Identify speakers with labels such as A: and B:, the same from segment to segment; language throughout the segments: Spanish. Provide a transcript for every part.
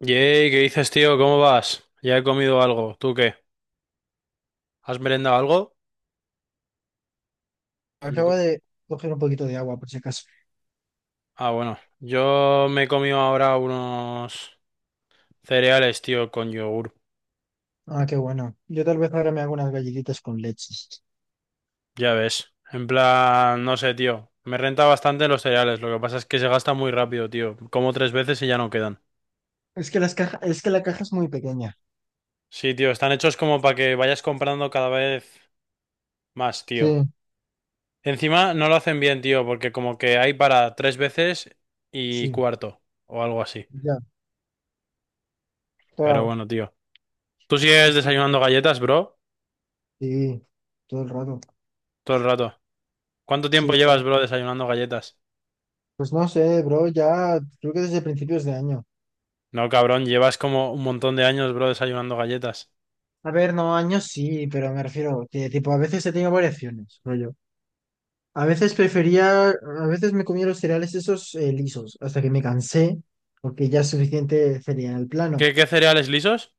A: Yey, ¿qué dices, tío? ¿Cómo vas? Ya he comido algo. ¿Tú qué? ¿Has merendado algo? Me
B: Acabo
A: co-
B: de coger un poquito de agua, por si acaso.
A: Ah, bueno. Yo me he comido ahora unos cereales, tío, con yogur.
B: Ah, qué bueno. Yo tal vez ahora me hago unas galletitas con leche.
A: Ya ves. En plan, no sé, tío. Me renta bastante los cereales. Lo que pasa es que se gasta muy rápido, tío. Como tres veces y ya no quedan.
B: Es que la caja es muy pequeña.
A: Sí, tío. Están hechos como para que vayas comprando cada vez más,
B: Sí,
A: tío. Encima no lo hacen bien, tío, porque como que hay para tres veces y
B: sí,
A: cuarto o algo así.
B: ya,
A: Pero
B: claro.
A: bueno, tío. ¿Tú sigues
B: Sí,
A: desayunando galletas, bro?
B: sí, todo el rato.
A: Todo el rato. ¿Cuánto tiempo
B: Sí,
A: llevas,
B: claro.
A: bro, desayunando galletas?
B: Pues no sé, bro, ya creo que desde principios de año.
A: No, cabrón, llevas como un montón de años, bro, desayunando galletas.
B: A ver, no, años sí, pero me refiero que tipo a veces he tenido variaciones, rollo. A veces me comía los cereales esos lisos, hasta que me cansé, porque ya es suficiente cereal plano.
A: ¿Qué cereales lisos?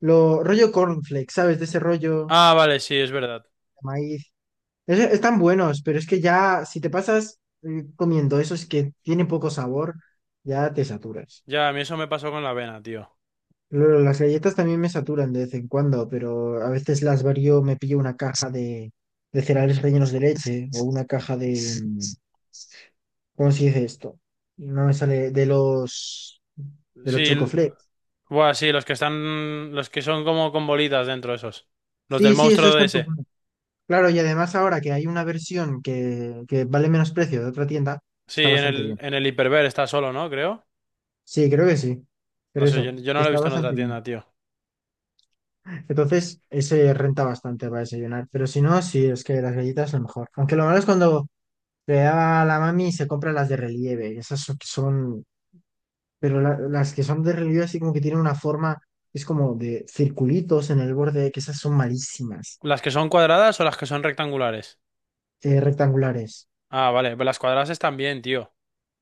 B: Lo rollo cornflakes, ¿sabes? De ese rollo
A: Ah, vale, sí, es verdad.
B: de maíz. Están buenos, pero es que ya si te pasas comiendo esos que tienen poco sabor, ya te saturas.
A: Ya, a mí eso me pasó con la avena, tío.
B: Las galletas también me saturan de vez en cuando, pero a veces las varío, me pillo una caja de cereales rellenos de leche o una caja de mm, ¿cómo se dice esto? No me sale de los
A: Sí,
B: chocoflakes.
A: buah, sí, los que están, los que son como con bolitas dentro, esos. Los del
B: Sí, sí, eso
A: monstruo
B: es
A: de
B: tanto.
A: ese.
B: Claro, y además ahora que hay una versión que vale menos precio de otra tienda,
A: Sí,
B: está
A: en
B: bastante
A: el,
B: bien.
A: en el Hiperver está solo, ¿no? Creo.
B: Sí, creo que sí. Pero
A: No sé, yo,
B: eso,
A: yo no lo he
B: está
A: visto en
B: bastante
A: otra
B: bien.
A: tienda, tío.
B: Entonces, ese renta bastante para desayunar. Pero si no, sí, es que las galletas lo mejor. Aunque lo malo es cuando le da a la mami y se compra las de relieve. Esas son, que son- pero la- las que son de relieve así como que tienen una forma, es como de circulitos en el borde, que esas son malísimas.
A: ¿Las que son cuadradas o las que son rectangulares?
B: Rectangulares.
A: Ah, vale, pues las cuadradas están bien, tío.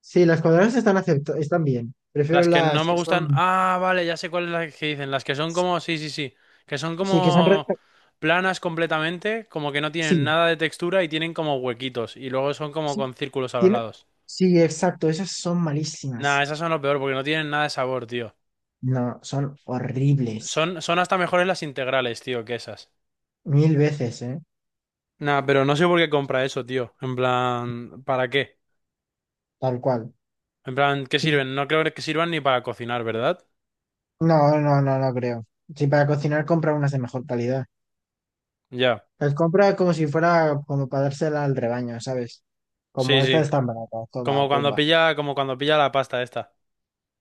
B: Sí, las cuadradas están bien. Prefiero
A: Las que no
B: las
A: me
B: que
A: gustan.
B: son.
A: Ah, vale, ya sé cuáles las que dicen. Las que son como. Sí, sí, sí. Que son
B: Sí, que son
A: como
B: recta.
A: planas completamente, como que no tienen
B: Sí,
A: nada de textura y tienen como huequitos. Y luego son como
B: sí,
A: con círculos a los
B: tiene.
A: lados.
B: Sí, exacto, esas son
A: Nah,
B: malísimas.
A: esas son lo peor porque no tienen nada de sabor, tío.
B: No, son horribles.
A: Son hasta mejores las integrales, tío, que esas.
B: Mil veces, ¿eh?
A: Nah, pero no sé por qué compra eso, tío. En plan, ¿para qué?
B: Tal cual.
A: En plan, ¿qué
B: Sí.
A: sirven? No creo que sirvan ni para cocinar, ¿verdad?
B: No, no, no, no creo. Sí, para cocinar compra unas de mejor calidad.
A: Ya.
B: Las compra como si fuera como para dársela al rebaño, ¿sabes?
A: Sí,
B: Como esta
A: sí.
B: es tan barata, toda
A: Como cuando
B: pumba.
A: pilla, como cuando pilla la pasta esta.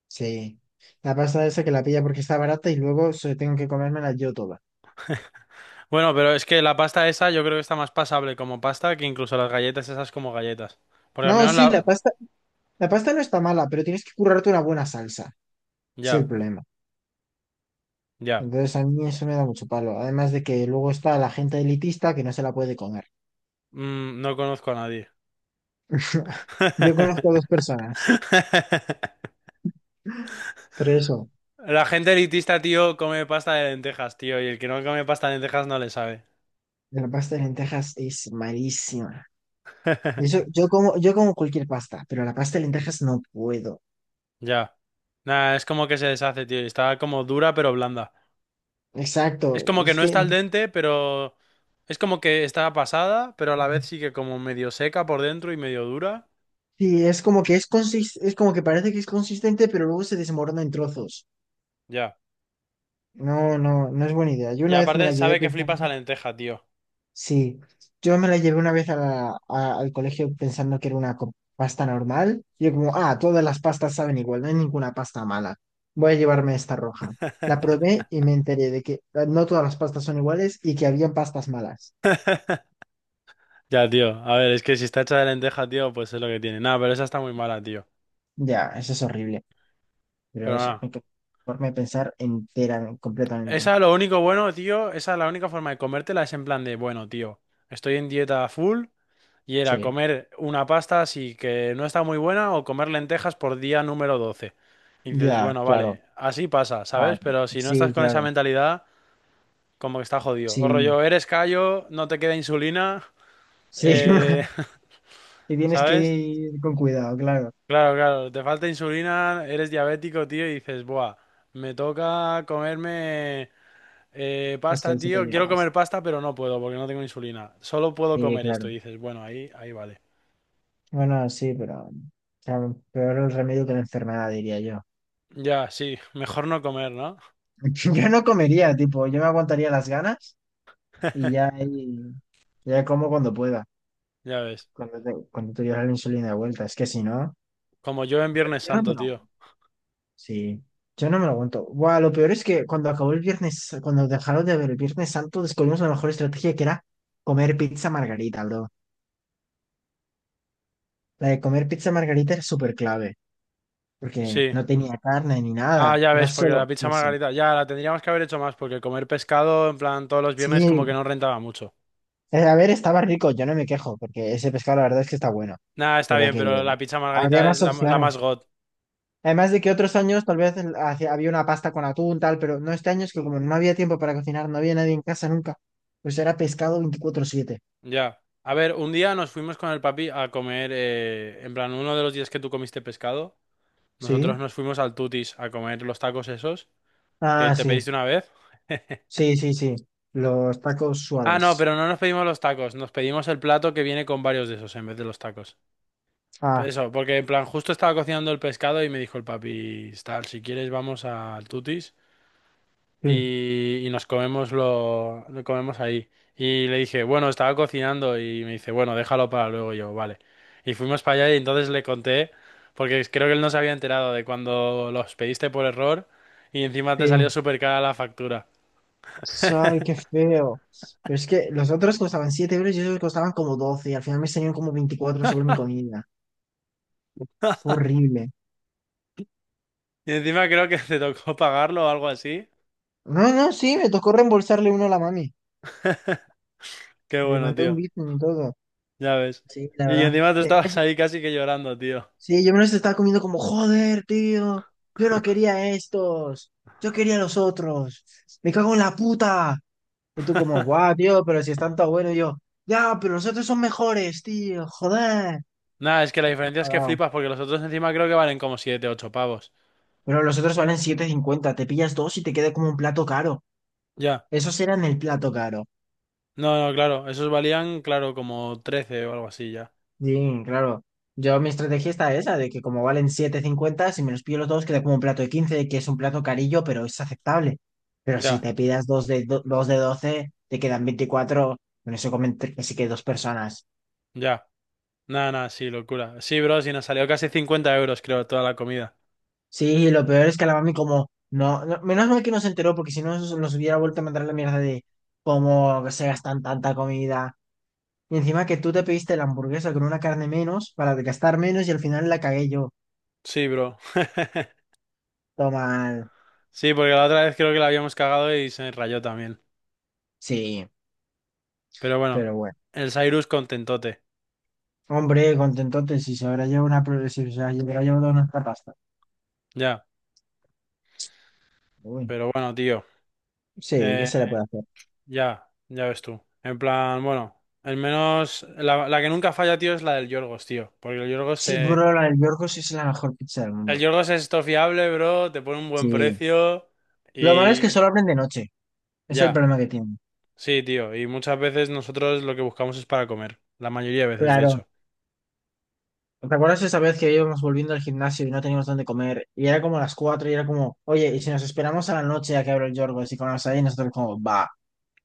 B: Sí. La pasta esa que la pilla porque está barata y luego se tengo que comérmela yo toda.
A: Bueno, pero es que la pasta esa yo creo que está más pasable como pasta que incluso las galletas esas como galletas. Porque
B: No,
A: al menos
B: sí,
A: la.
B: la pasta no está mala, pero tienes que currarte una buena salsa. Ese es el
A: Ya,
B: problema.
A: ya.
B: Entonces a mí eso me da mucho palo. Además de que luego está la gente elitista que no se la puede comer.
A: Mm, no conozco a nadie.
B: Yo conozco dos personas, pero eso,
A: La gente elitista, tío, come pasta de lentejas, tío. Y el que no come pasta de lentejas no le sabe.
B: la pasta de lentejas es malísima. Y eso, yo como cualquier pasta, pero la pasta de lentejas no puedo.
A: Ya. Nada, es como que se deshace, tío, y está como dura pero blanda. Es
B: Exacto,
A: como que
B: es
A: no
B: que
A: está al dente, pero. Es como que está pasada, pero a la vez sí que como medio seca por dentro y medio dura.
B: sí, es como que parece que es consistente, pero luego se desmorona en trozos.
A: Ya.
B: No, no, no es buena idea. Yo
A: Y
B: una vez me la
A: aparte
B: llevé
A: sabe que
B: pensando.
A: flipas a lenteja, tío.
B: Sí, yo me la llevé una vez al colegio pensando que era una pasta normal. Y yo como, ah, todas las pastas saben igual, no hay ninguna pasta mala. Voy a llevarme esta roja. La probé y me enteré de que no todas las pastas son iguales y que habían pastas malas.
A: Ya, tío. A ver, es que si está hecha de lenteja, tío, pues es lo que tiene. Nada, pero esa está muy mala, tío.
B: Ya, eso es horrible. Pero
A: Pero
B: eso
A: nada.
B: hay que forma de pensar entera, completamente.
A: Esa, lo único bueno, tío, esa la única forma de comértela es en plan de, bueno, tío, estoy en dieta full y era
B: Sí,
A: comer una pasta así que no está muy buena o comer lentejas por día número 12. Y dices,
B: ya,
A: bueno,
B: claro.
A: vale, así pasa,
B: Ah,
A: ¿sabes? Pero si no
B: sí,
A: estás con esa
B: claro.
A: mentalidad, como que está jodido. O
B: Sí,
A: rollo, eres callo, no te queda insulina,
B: sí.
A: eh,
B: Y tienes que
A: ¿sabes?
B: ir con cuidado, claro.
A: Claro, claro, te falta insulina, eres diabético, tío, y dices, buah, me toca comerme
B: Es que
A: pasta,
B: ahí se te
A: tío, quiero
B: liabas.
A: comer pasta, pero no puedo porque no tengo insulina, solo puedo
B: Sí,
A: comer
B: claro.
A: esto, y dices, bueno, ahí vale.
B: Bueno, sí, pero o sea, peor el remedio que la enfermedad, diría yo.
A: Ya, sí, mejor no comer, ¿no?
B: Yo no comería, tipo, yo me aguantaría las ganas y ya como cuando pueda,
A: Ya ves,
B: cuando te llevas la insulina de vuelta. Es que si no,
A: como yo en
B: yo,
A: Viernes
B: yo no me
A: Santo,
B: lo aguanto.
A: tío.
B: Sí, yo no me lo aguanto. Buah, lo peor es que cuando acabó el viernes, cuando dejaron de ver el Viernes Santo, descubrimos la mejor estrategia que era comer pizza margarita, bro. La de comer pizza margarita era súper clave, porque
A: Sí.
B: no tenía carne ni
A: Ah,
B: nada,
A: ya
B: era
A: ves, porque
B: solo
A: la pizza
B: eso.
A: margarita, ya la tendríamos que haber hecho más, porque comer pescado, en plan, todos los viernes como
B: Sí,
A: que no rentaba mucho.
B: A ver, estaba rico, yo no me quejo, porque ese pescado la verdad es que está bueno,
A: Nada, está
B: pero
A: bien,
B: que
A: pero la pizza
B: habría
A: margarita es
B: más
A: la más
B: opciones.
A: god.
B: Además de que otros años tal vez había una pasta con atún, tal, pero no este año es que como no había tiempo para cocinar, no había nadie en casa nunca, pues era pescado 24/7.
A: Ya. A ver, un día nos fuimos con el papi a comer, en plan, uno de los días que tú comiste pescado, nosotros
B: ¿Sí?
A: nos fuimos al Tutis a comer los tacos esos que
B: Ah,
A: te
B: sí,
A: pediste una vez.
B: sí, sí, sí, los tacos
A: Ah, no,
B: suaves.
A: pero no nos pedimos los tacos, nos pedimos el plato que viene con varios de esos en vez de los tacos.
B: Ah,
A: Eso, porque en plan, justo estaba cocinando el pescado y me dijo el papi, tal, si quieres vamos al Tutis.
B: sí,
A: Y nos comemos lo comemos ahí. Y le dije, bueno, estaba cocinando y me dice, bueno, déjalo para luego. Y yo, vale. Y fuimos para allá y entonces le conté, porque creo que él no se había enterado de cuando los pediste por error y encima te
B: sí.
A: salió súper cara la factura.
B: Ay, qué feo. Pero es que los otros costaban 7 euros y esos costaban como 12 y al final me salieron como 24 solo mi comida. Fue horrible.
A: Y encima creo que te tocó pagarlo o algo así.
B: No, no, sí, me tocó reembolsarle uno a la mami.
A: Qué
B: Le
A: bueno,
B: mandé un
A: tío.
B: Bitcoin y todo.
A: Ya ves.
B: Sí, la
A: Y
B: verdad.
A: encima tú estabas ahí casi que llorando, tío.
B: Sí, yo me los estaba comiendo como, joder, tío. Yo no quería estos. Yo quería los otros. Me cago en la puta. Y tú como, guau, tío, pero si están tan buenos. Y yo, ya, pero los otros son mejores, tío. Joder.
A: Nada, es que la
B: Ahí te ha
A: diferencia es que
B: pagado.
A: flipas porque los otros encima creo que valen como 7 8 pavos.
B: Pero los otros valen 7,50. Te pillas dos y te queda como un plato caro.
A: Ya.
B: Esos eran el plato caro.
A: No, no, claro, esos valían, claro, como 13 o algo así ya.
B: Sí, claro. Yo mi estrategia está esa, de que como valen 7,50 si me los pillo los dos, queda como un plato de 15 que es un plato carillo, pero es aceptable. Pero si
A: Ya,
B: te pidas dos de 12 te quedan 24, con eso comen así que dos personas.
A: ya. Nada, nada, sí, locura. Sí, bro, sí, nos salió casi 50 euros, creo, toda la comida.
B: Sí, lo peor es que la mami como, menos mal que no se enteró, porque si no nos hubiera vuelto a mandar la mierda de cómo se gastan tanta comida. Y encima que tú te pediste la hamburguesa con una carne menos para gastar menos y al final la cagué yo.
A: Sí, bro.
B: Toma.
A: Sí, porque la otra vez creo que la habíamos cagado y se rayó también.
B: Sí,
A: Pero bueno,
B: pero bueno.
A: el Cyrus contentote.
B: Hombre, contentote, si se habrá llevado una, pro- si se habrá llevado nuestra pasta.
A: Ya,
B: Uy,
A: pero bueno, tío.
B: sí, ¿qué
A: Eh,
B: se le puede hacer?
A: ya, ya ves tú. En plan, bueno, el menos. La que nunca falla, tío, es la del Yorgos, tío. Porque el Yorgos
B: Sí,
A: se.
B: bro, la del Yorgos sí es la mejor pizza del
A: El
B: mundo.
A: Yorgos es esto fiable, bro, te pone un buen
B: Sí,
A: precio
B: lo malo es que
A: y.
B: solo abren de noche. Es el
A: Ya.
B: problema que tienen.
A: Sí, tío, y muchas veces nosotros lo que buscamos es para comer, la mayoría de veces, de
B: Claro.
A: hecho.
B: ¿Te acuerdas esa vez que íbamos volviendo al gimnasio y no teníamos dónde comer? Y era como las 4 y era como, oye, y si nos esperamos a la noche a que abra el Yorgos y comemos ahí, y nosotros como, va.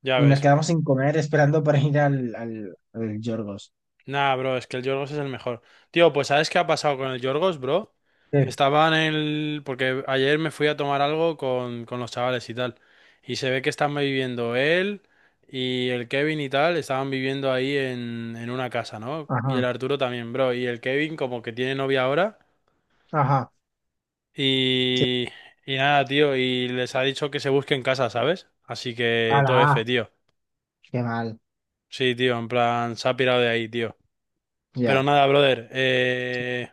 A: Ya
B: Y nos
A: ves.
B: quedamos sin comer esperando para ir al Yorgos.
A: Nah, bro, es que el Yorgos es el mejor. Tío, pues ¿sabes qué ha pasado con el Yorgos, bro?
B: Sí.
A: Estaba en el. Porque ayer me fui a tomar algo con los chavales y tal. Y se ve que están viviendo él y el Kevin y tal, estaban viviendo ahí en una casa, ¿no? Y
B: Ajá,
A: el Arturo también, bro. Y el Kevin como que tiene novia ahora.
B: ajá. Sí.
A: Y... Y nada, tío, y les ha dicho que se busquen casa, ¿sabes? Así
B: A
A: que
B: la
A: todo
B: A.
A: F, tío.
B: Qué mal.
A: Sí, tío, en plan, se ha pirado de ahí, tío. Pero
B: Ya.
A: nada, brother,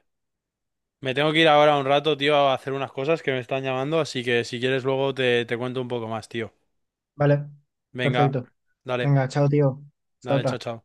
A: me tengo que ir ahora un rato, tío, a hacer unas cosas que me están llamando, así que si quieres luego te cuento un poco más, tío.
B: Vale,
A: Venga,
B: perfecto.
A: dale,
B: Venga, chao, tío. Hasta
A: dale, chao,
B: otra.
A: chao.